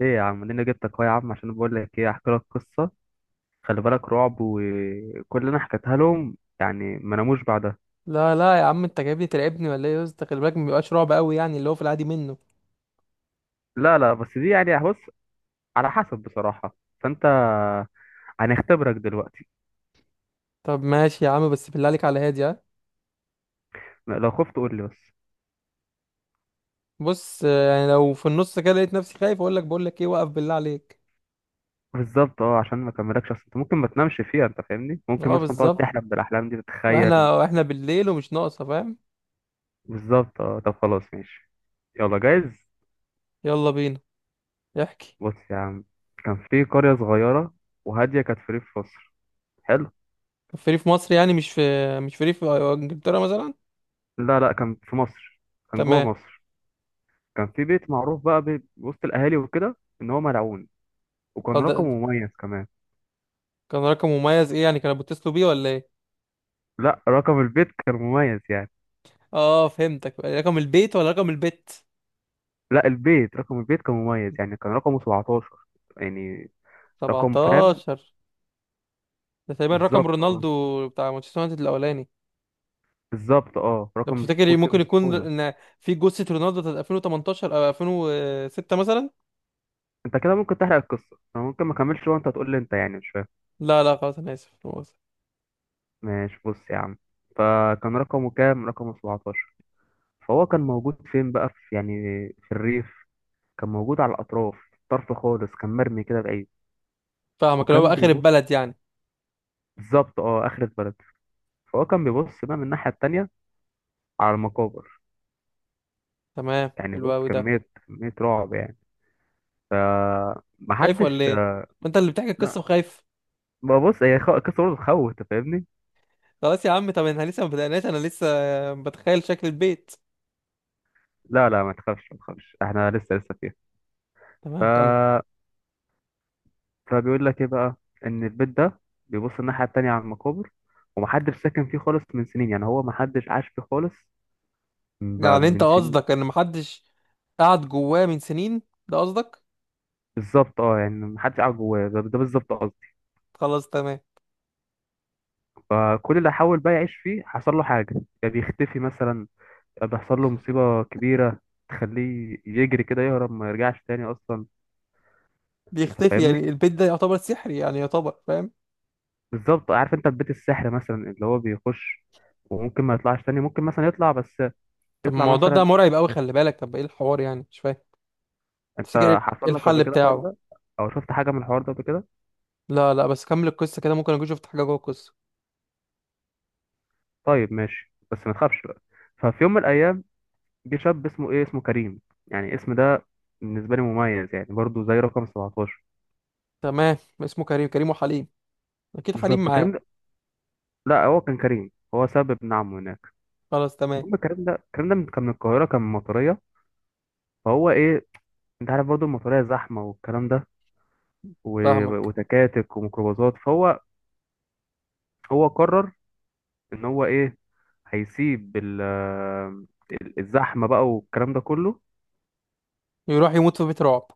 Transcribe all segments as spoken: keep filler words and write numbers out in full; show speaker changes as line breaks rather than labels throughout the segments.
ايه يا عم، انا جبتك اهو يا عم عشان بقول لك ايه. احكي لك قصه. خلي بالك رعب، وكل اللي انا حكيتها لهم يعني ما ناموش بعدها.
لا لا يا عم، انت جايبني تلعبني ولا ايه يا اسطى؟ خلي بالك، ما بيبقاش رعب قوي يعني اللي هو في العادي منه.
لا لا بس دي يعني بص، على حسب بصراحه. فانت هنختبرك دلوقتي.
طب ماشي يا عم، بس بالله عليك على هادي ها.
لو خفت قول لي بس.
بص آه، يعني لو في النص كده لقيت نفسي خايف اقول لك، بقول لك ايه؟ وقف بالله عليك.
بالظبط اه، عشان ما كملكش، اصل انت ممكن ما تنامش فيها، انت فاهمني؟ ممكن
اه
مثلا تقعد
بالظبط.
تحلم بالاحلام دي، تتخيل.
واحنا واحنا بالليل ومش ناقصه، فاهم؟
بالظبط اه، طب خلاص ماشي. يلا جايز.
يلا بينا. احكي.
بص يا عم، كان في قريه صغيره، وهاديه كانت في ريف مصر. حلو.
كان فري في ريف مصر يعني، مش في مش فري في ريف انجلترا مثلا.
لا لا كان في مصر، كان جوه
تمام.
مصر. كان في بيت معروف بقى بي- وسط الاهالي وكده ان هو ملعون.
اه
وكان رقم
ده-
مميز كمان.
كان رقم مميز ايه يعني؟ كانوا بيتصلوا بيه ولا ايه؟
لا رقم البيت كان مميز يعني.
اه فهمتك، رقم البيت ولا رقم البت؟
لا البيت، رقم البيت كان مميز يعني، كان رقمه سبعة عشر يعني. رقم فاهم؟
سبعتاشر؟ ده تقريبا رقم
بالظبط اه.
رونالدو بتاع مانشستر يونايتد الاولاني.
بالظبط اه،
ده
رقم
بتفتكر ممكن
سبورتنج
يكون
لشبونه.
ان في جثة رونالدو بتاعت ألفين وتمنتاشر او ألفين وستة مثلا.
انت كده ممكن تحرق القصه، انا ممكن ما اكملش وانت تقول لي انت يعني مش فاهم.
لا لا خلاص انا اسف، أنا آسف.
ماشي، بص يا عم، فكان رقمه كام؟ رقمه سبعتاشر. فهو كان موجود فين بقى؟ في يعني في الريف، كان موجود على الاطراف، طرف خالص، كان مرمي كده بعيد.
فاهمك، اللي هو
وكان
اخر
بيبص.
البلد يعني.
بالظبط اه، اخرة بلد. فهو كان بيبص بقى من الناحية التانية على المقابر.
تمام،
يعني
حلو
بص،
قوي ده.
كمية كمية رعب يعني.
خايف ولا
فمحدش.
ايه؟ ما انت اللي بتحكي القصة
لا
وخايف.
ببص، هي خ- قصة برضه تخوف، انت فاهمني؟
خلاص يا عم، طب احنا لسه ما بدأناش، انا لسه بتخيل شكل البيت.
لا لا ما تخافش، ما تخافش، احنا لسه لسه فيها. ف...
تمام كمل.
فبيقول لك ايه بقى؟ ان البيت ده بيبص الناحية التانية على المقابر، ومحدش ساكن فيه خالص من سنين، يعني هو محدش عاش فيه خالص ب-
يعني انت
من
قصدك
سنين.
ان محدش قعد جواه من سنين، ده قصدك؟
بالظبط اه، يعني محدش قاعد جواه، ده ده بالظبط قصدي.
خلاص تمام.
فكل اللي حاول بقى يعيش فيه حصل له حاجة، يا بيختفي مثلا، بيحصل له مصيبة كبيرة تخليه يجري كده يهرب ما يرجعش تاني أصلا. أنت
بيختفي يعني
فاهمني؟
البيت ده يعتبر سحري يعني، يعتبر فاهم.
بالظبط، عارف أنت في بيت السحر مثلا، اللي هو بيخش وممكن ما يطلعش تاني، ممكن مثلا يطلع بس.
طب
يطلع
الموضوع ده
مثلا.
مرعب قوي، خلي بالك. طب ايه الحوار يعني؟ مش فاهم. تفتكر
أنت
ايه
حصل لك قبل
الحل
كده الحوار
بتاعه؟
ده، أو شفت حاجة من الحوار ده قبل كده؟
لا لا بس كمل القصه كده، ممكن اكون شفت حاجه جوه القصه.
طيب ماشي، بس ما تخافش بقى. ففي يوم من الأيام جه شاب اسمه إيه، اسمه كريم. يعني الاسم ده بالنسبة لي مميز يعني، برضه زي رقم سبعتاشر.
تمام، اسمه كريم؟ كريم وحليم اكيد، حليم
بالظبط، كريم
معاه.
ده، لا هو كان كريم هو سبب ابن عمه هناك.
خلاص تمام.
المهم الكلام ده، الكلام ده من- كان من القاهرة، كان من المطرية. فهو ايه؟ انت عارف برضو المطريه زحمه والكلام ده، و-
فاهمك.
وتكاتك وميكروباصات، فهو هو قرر ان هو ايه، هيسيب ال- ال- الزحمه بقى والكلام ده كله.
يروح يموت في بيت رعب؟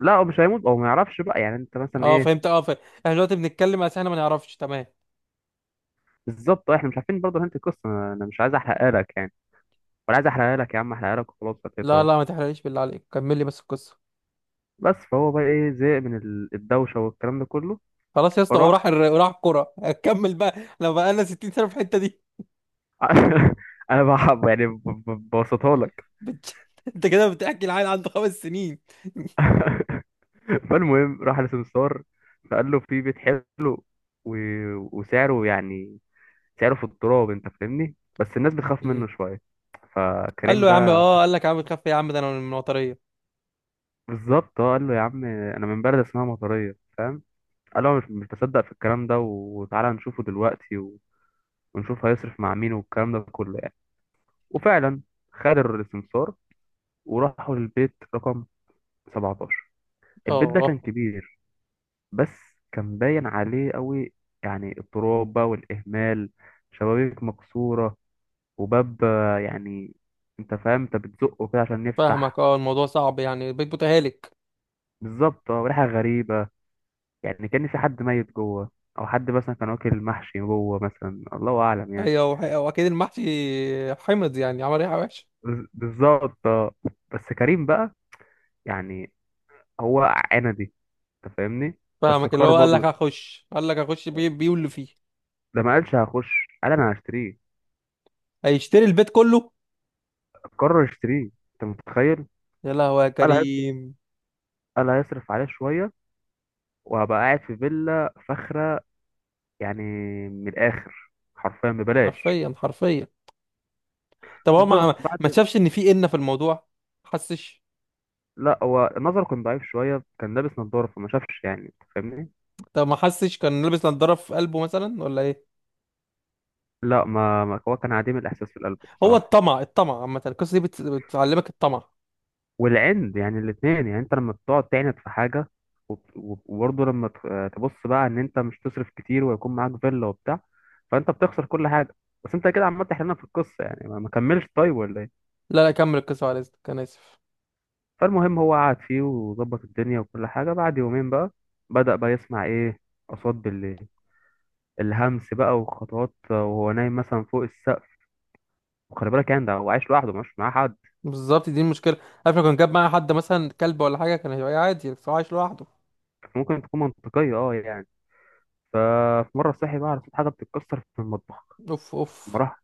لا هو مش هيموت او ما يعرفش بقى، يعني انت مثلا
اه
ايه.
فهمت اه فهمت، احنا دلوقتي بنتكلم بس احنا ما نعرفش، تمام.
بالظبط آه، احنا مش عارفين برضه انت القصه، انا أنا مش عايز احرقها لك يعني. ولا عايز احرقها لك يا عم؟ احرقها لك وخلاص هتلاقيه
لا
طيب.
لا ما تحرقليش بالله عليك، كمل لي بس القصه.
بس فهو بقى ايه، زهق من ال- الدوشه والكلام ده كله.
خلاص يا اسطى،
فراح.
وراح الر- وراح الكوره، هكمل بقى. لو بقى لنا ستين سنة سنه في الحته دي.
انا بحب يعني، ب- ب- ببسطها لك.
بت- انت كده بتحكي العيل عنده خمس سنين.
فالمهم راح لسمسار. فقال له في بيت حلو، و... وسعره يعني، سعره في التراب، انت فاهمني، بس الناس بتخاف منه شويه.
قال
فكريم
له يا عم،
بقى.
اه قال لك يا عم تخاف إيه يا عم، ده انا من المطريه.
بالظبط اه، قال له يا عم انا من بلد اسمها مطريه، فاهم. قال له أنا مش مش بصدق في الكلام ده، وتعالى نشوفه دلوقتي و... ونشوف هيصرف مع مين والكلام ده كله يعني. وفعلا خد السمسار وراحوا للبيت رقم سبعتاشر. البيت ده
اه
كان كبير، بس كان باين عليه قوي يعني التراب بقى والإهمال. شبابيك مكسورة، وباب آه، يعني انت فاهم، انت بتزقه كده عشان
فاهمك،
يفتح.
اه الموضوع صعب يعني، بيت متهالك.
بالظبط اه، وريحة غريبة، يعني كأن في حد ميت جوه، أو حد مثلا كان واكل محشي جوه مثلا، الله أعلم يعني.
ايوه وح- واكيد المحشي حمض يعني، عمل ايه وحش.
بز- بالظبط اه. بس كريم بقى يعني، هو عندي، انت فاهمني. بس
فاهمك، اللي
قرر
هو قال لك
برضه،
هخش، قال لك هخش بيه بيه واللي فيه.
ده ما قالش هخش، قال انا هشتريه.
هيشتري البيت كله؟
قرر اشتريه، انت متخيل.
يا لهوي يا
قال هيصرف،
كريم.
قال هيصرف عليه شوية وهبقى قاعد في فيلا فخرة يعني. من الآخر حرفيا ببلاش.
حرفيا حرفيا. طب هو ما
بالظبط
ما
بعد.
شافش ان في إنة في الموضوع؟ ما حسش؟
لا هو نظره كان ضعيف شوية، كان لابس نظارة فما شافش يعني، أنت فاهمني.
طب ما حسش؟ كان لابس نضاره في قلبه مثلا ولا ايه؟
لا ما ما- هو كان عديم الإحساس في القلب
هو
بصراحة.
الطمع، الطمع عامه القصه دي بت- بتعلمك الطمع.
والعند يعني، الاتنين يعني، أنت لما بتقعد تعند في حاجة، وب- وب- وبرضه لما ت- تبص بقى إن أنت مش تصرف كتير ويكون معاك فيلا وبتاع، فأنت بتخسر كل حاجة. بس أنت كده عمال تحلنا في القصة يعني، ما ما كملش طيب ولا إيه؟
لا لا كمل القصه، على اذنك انا اسف.
فالمهم هو قعد فيه وظبط الدنيا وكل حاجة. بعد يومين بقى بدأ بقى يسمع إيه، أصوات بالليل، الهمس بقى وخطوات وهو نايم مثلا فوق السقف. وخلي بالك يعني ده هو عايش لوحده، مش معاه حد.
بالظبط، دي المشكله. عارف لو كان جاب معايا حد مثلا كلب ولا حاجه كان هيبقى عادي، بس هو عايش لوحده.
ممكن تكون منطقية اه يعني. ففي مرة صحي بقى على صوت حاجة بتتكسر في المطبخ.
اوف
لما
اوف.
راح،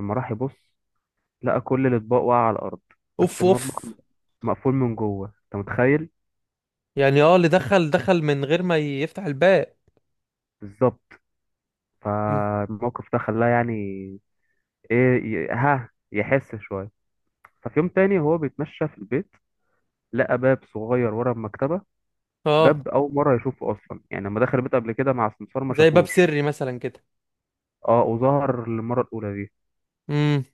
لما راح يبص، لقى كل الأطباق واقعة على الأرض، بس
اوف
المطبخ
اوف.
مقفول من جوه، أنت متخيل.
يعني اه، اللي دخل دخل من غير ما يفتح الباب.
بالظبط.
مم.
فالموقف ده خلاه يعني إيه، ي- ها يحس شوية. ففي يوم تاني هو بيتمشى في البيت، لقى باب صغير ورا المكتبة.
اه.
باب أول مرة يشوفه أصلا، يعني لما دخل البيت قبل كده مع السمسار ما
زي باب
شافوش.
سري مثلا كده.
اه وظهر للمرة الأولى دي.
امم.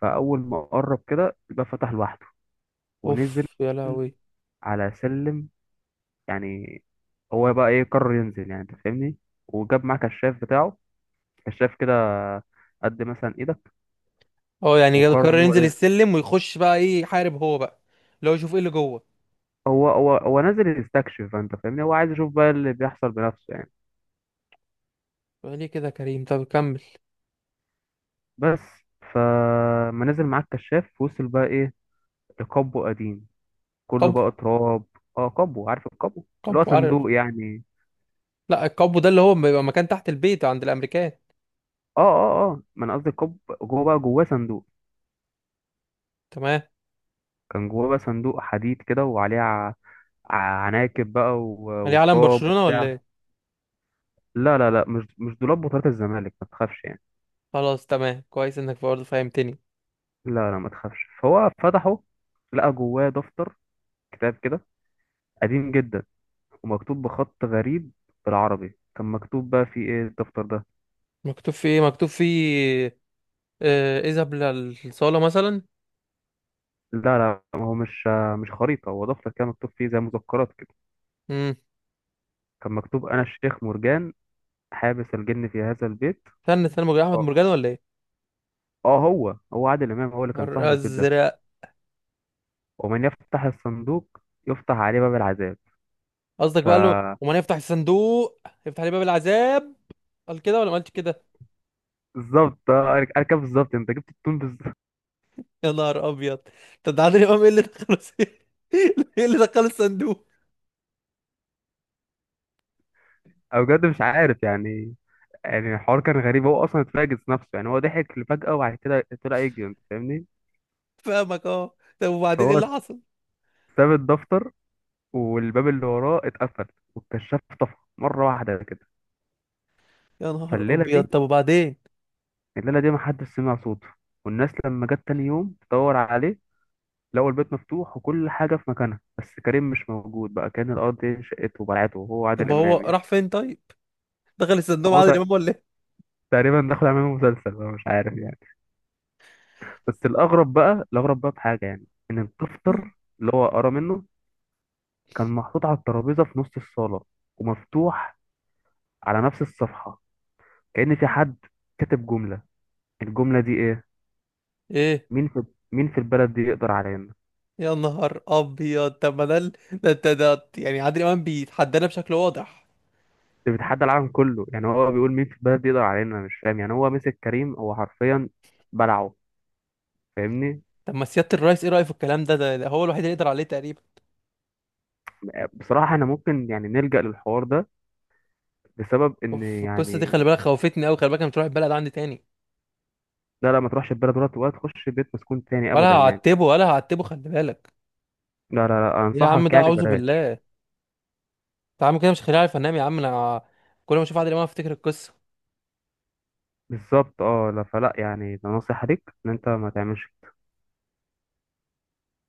فأول ما قرب كده الباب فتح لوحده، ونزل
اوف يا لهوي.
على سلم يعني. هو بقى إيه، قرر ينزل يعني أنت فاهمني. وجاب معاه كشاف بتاعه، كشاف كده قد مثلا إيدك.
اه يعني
وقرر
قرر
إن هو
ينزل
إيه،
السلم، ويخش بقى ايه، يحارب هو بقى. لو يشوف ايه اللي جوه.
هو هو هو نازل يستكشف، أنت فاهمني، هو عايز يشوف بقى اللي بيحصل بنفسه يعني.
ليه كده يا كريم؟ طب كمل.
بس. فما نزل معاه الكشاف، وصل بقى ايه، لقبو قديم كله
قبو؟
بقى تراب. اه قبو، عارف القبو، اللي هو
قبو عارف.
صندوق يعني.
لا القبو ده اللي هو بيبقى مكان تحت البيت عند الامريكان.
اه اه اه ما انا قصدي القبو، جوه بقى جواه صندوق.
تمام.
كان جواه بقى صندوق حديد كده، وعليه ع- ع- عناكب بقى، و-
ليه، علم
وتراب
برشلونة ولا
وبتاع.
ايه؟
لا لا لا مش مش دولاب بطولات الزمالك، ما تخافش يعني.
خلاص تمام، كويس انك برضه فهمتني.
لا لا، ما تخافش. فهو فتحه، لقى جواه دفتر، كتاب كده قديم جدا، ومكتوب بخط غريب. بالعربي كان مكتوب بقى، فيه ايه الدفتر ده؟
مكتوب فيه ايه، مكتوب فيه؟ آه، اذهب للصالة مثلا.
لا لا، ما هو مش مش خريطة، هو دفتر، كان مكتوب فيه زي مذكرات كده.
مم.
كان مكتوب: أنا الشيخ مرجان، حابس الجن في هذا البيت.
استنى استنى، مرجان احمد
اه.
مرجان ولا ايه؟
آه، هو هو عادل إمام هو اللي كان
نهار
صاحب البيت ده.
ازرق.
ومن يفتح الصندوق يفتح عليه باب العذاب.
قصدك
ف
بقى له، ومن يفتح الصندوق يفتح لي باب العذاب. قال كده ولا ما قالش كده؟
بالظبط آه، أنا أنا كده بالظبط، أنت جبت التون بالظبط.
يا نهار ابيض. طب ده عادل امام، ايه اللي دخله ايه اللي دخله الصندوق؟
أنا بجد مش عارف يعني، يعني الحوار كان غريب، هو أصلا اتفاجئ نفسه يعني، هو ضحك فجأة وبعد كده طلع يجري، أنت فاهمني.
فاهمك اه. طب وبعدين ايه
فهو
اللي حصل؟
ساب الدفتر، والباب اللي وراه اتقفل، والكشاف طفى مرة واحدة كده.
يا نهار
فالليلة
ابيض.
دي،
طب وبعدين
الليلة دي محدش سمع صوته. والناس لما جت تاني يوم تدور عليه، لقوا البيت مفتوح وكل حاجة في مكانها، بس كريم مش موجود بقى، كان الأرض دي شقته وبلعته وهو عادل
طب هو
إمام يعني.
راح فين طيب؟ دخل الصندوق
ما
مع
هو
عادل
تق-
امام ولا ايه؟
تقريبا دخل عامل مسلسل بقى، مش عارف يعني. بس الأغرب بقى، الأغرب بقى في حاجة يعني، إن الدفتر اللي هو قرا منه كان محطوط على الترابيزة في نص الصالة، ومفتوح على نفس الصفحة، كأن في حد كاتب جملة. الجملة دي إيه؟
ايه؟
مين في مين في البلد دي يقدر علينا؟
يا نهار ابيض. طب ما ده ال- ده ده ده- يعني عادل امام بيتحدانا بشكل واضح.
ده بيتحدى العالم كله يعني، هو بيقول مين في البلد يقدر علينا، انا مش فاهم يعني، هو مسك كريم، هو حرفيا بلعه، فاهمني.
طب ما سيادة الرئيس ايه رأيه في الكلام ده؟ ده ده هو الوحيد اللي يقدر عليه تقريبا.
بصراحة انا ممكن يعني نلجأ للحوار ده بسبب ان
اوف القصه دي خلي
يعني.
بالك، خوفتني قوي. خلي بالك انا مش رايح البلد عندي تاني.
لا لا، ما تروحش البلد، ولا ولا تخش بيت مسكون تاني
ولا
ابدا يعني.
هعتبه ولا هعتبه، خلي بالك.
لا لا لا
يا عم
انصحك
ده
يعني
اعوذ
بلاش.
بالله. انت عامل كده مش خليني عارف انام يا عم انا. كل ما اشوف عادل امام افتكر القصه.
بالظبط اه، لا فلا يعني، ده نصيحة ليك ان انت ما تعملش.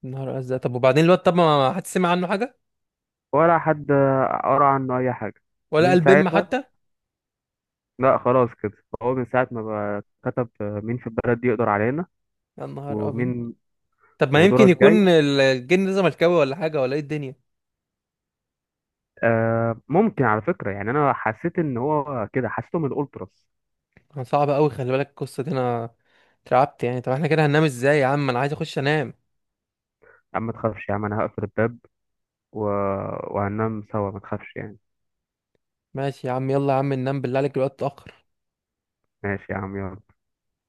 يا نهار ازرق. طب وبعدين الواد؟ طب ما ما حد سمع عنه حاجه؟
ولا حد قرا عنه اي حاجة
ولا
من
قال بم
ساعتها.
حتى؟
لا خلاص كده، هو من ساعة ما بقى كتب مين في البلد دي يقدر علينا
يا نهار ابيض.
ومين.
طب ما يمكن
ودورك جاي.
يكون ال- الجن ده زملكاوي ولا حاجه، ولا ايه الدنيا؟
آه ممكن على فكرة يعني، أنا حسيت إن هو كده، حسيته من الأولتراس.
انا صعب قوي خلي بالك، القصه دي انا اترعبت يعني. طب احنا كده هننام ازاي يا عم؟ انا عايز اخش انام.
يا عم ما تخافش يا عم، أنا هقفل الباب و... وهننام سوا، ما تخافش يعني.
ماشي يا عم، يلا يا عم ننام بالله عليك، الوقت اتاخر.
ماشي يا عم، يلا.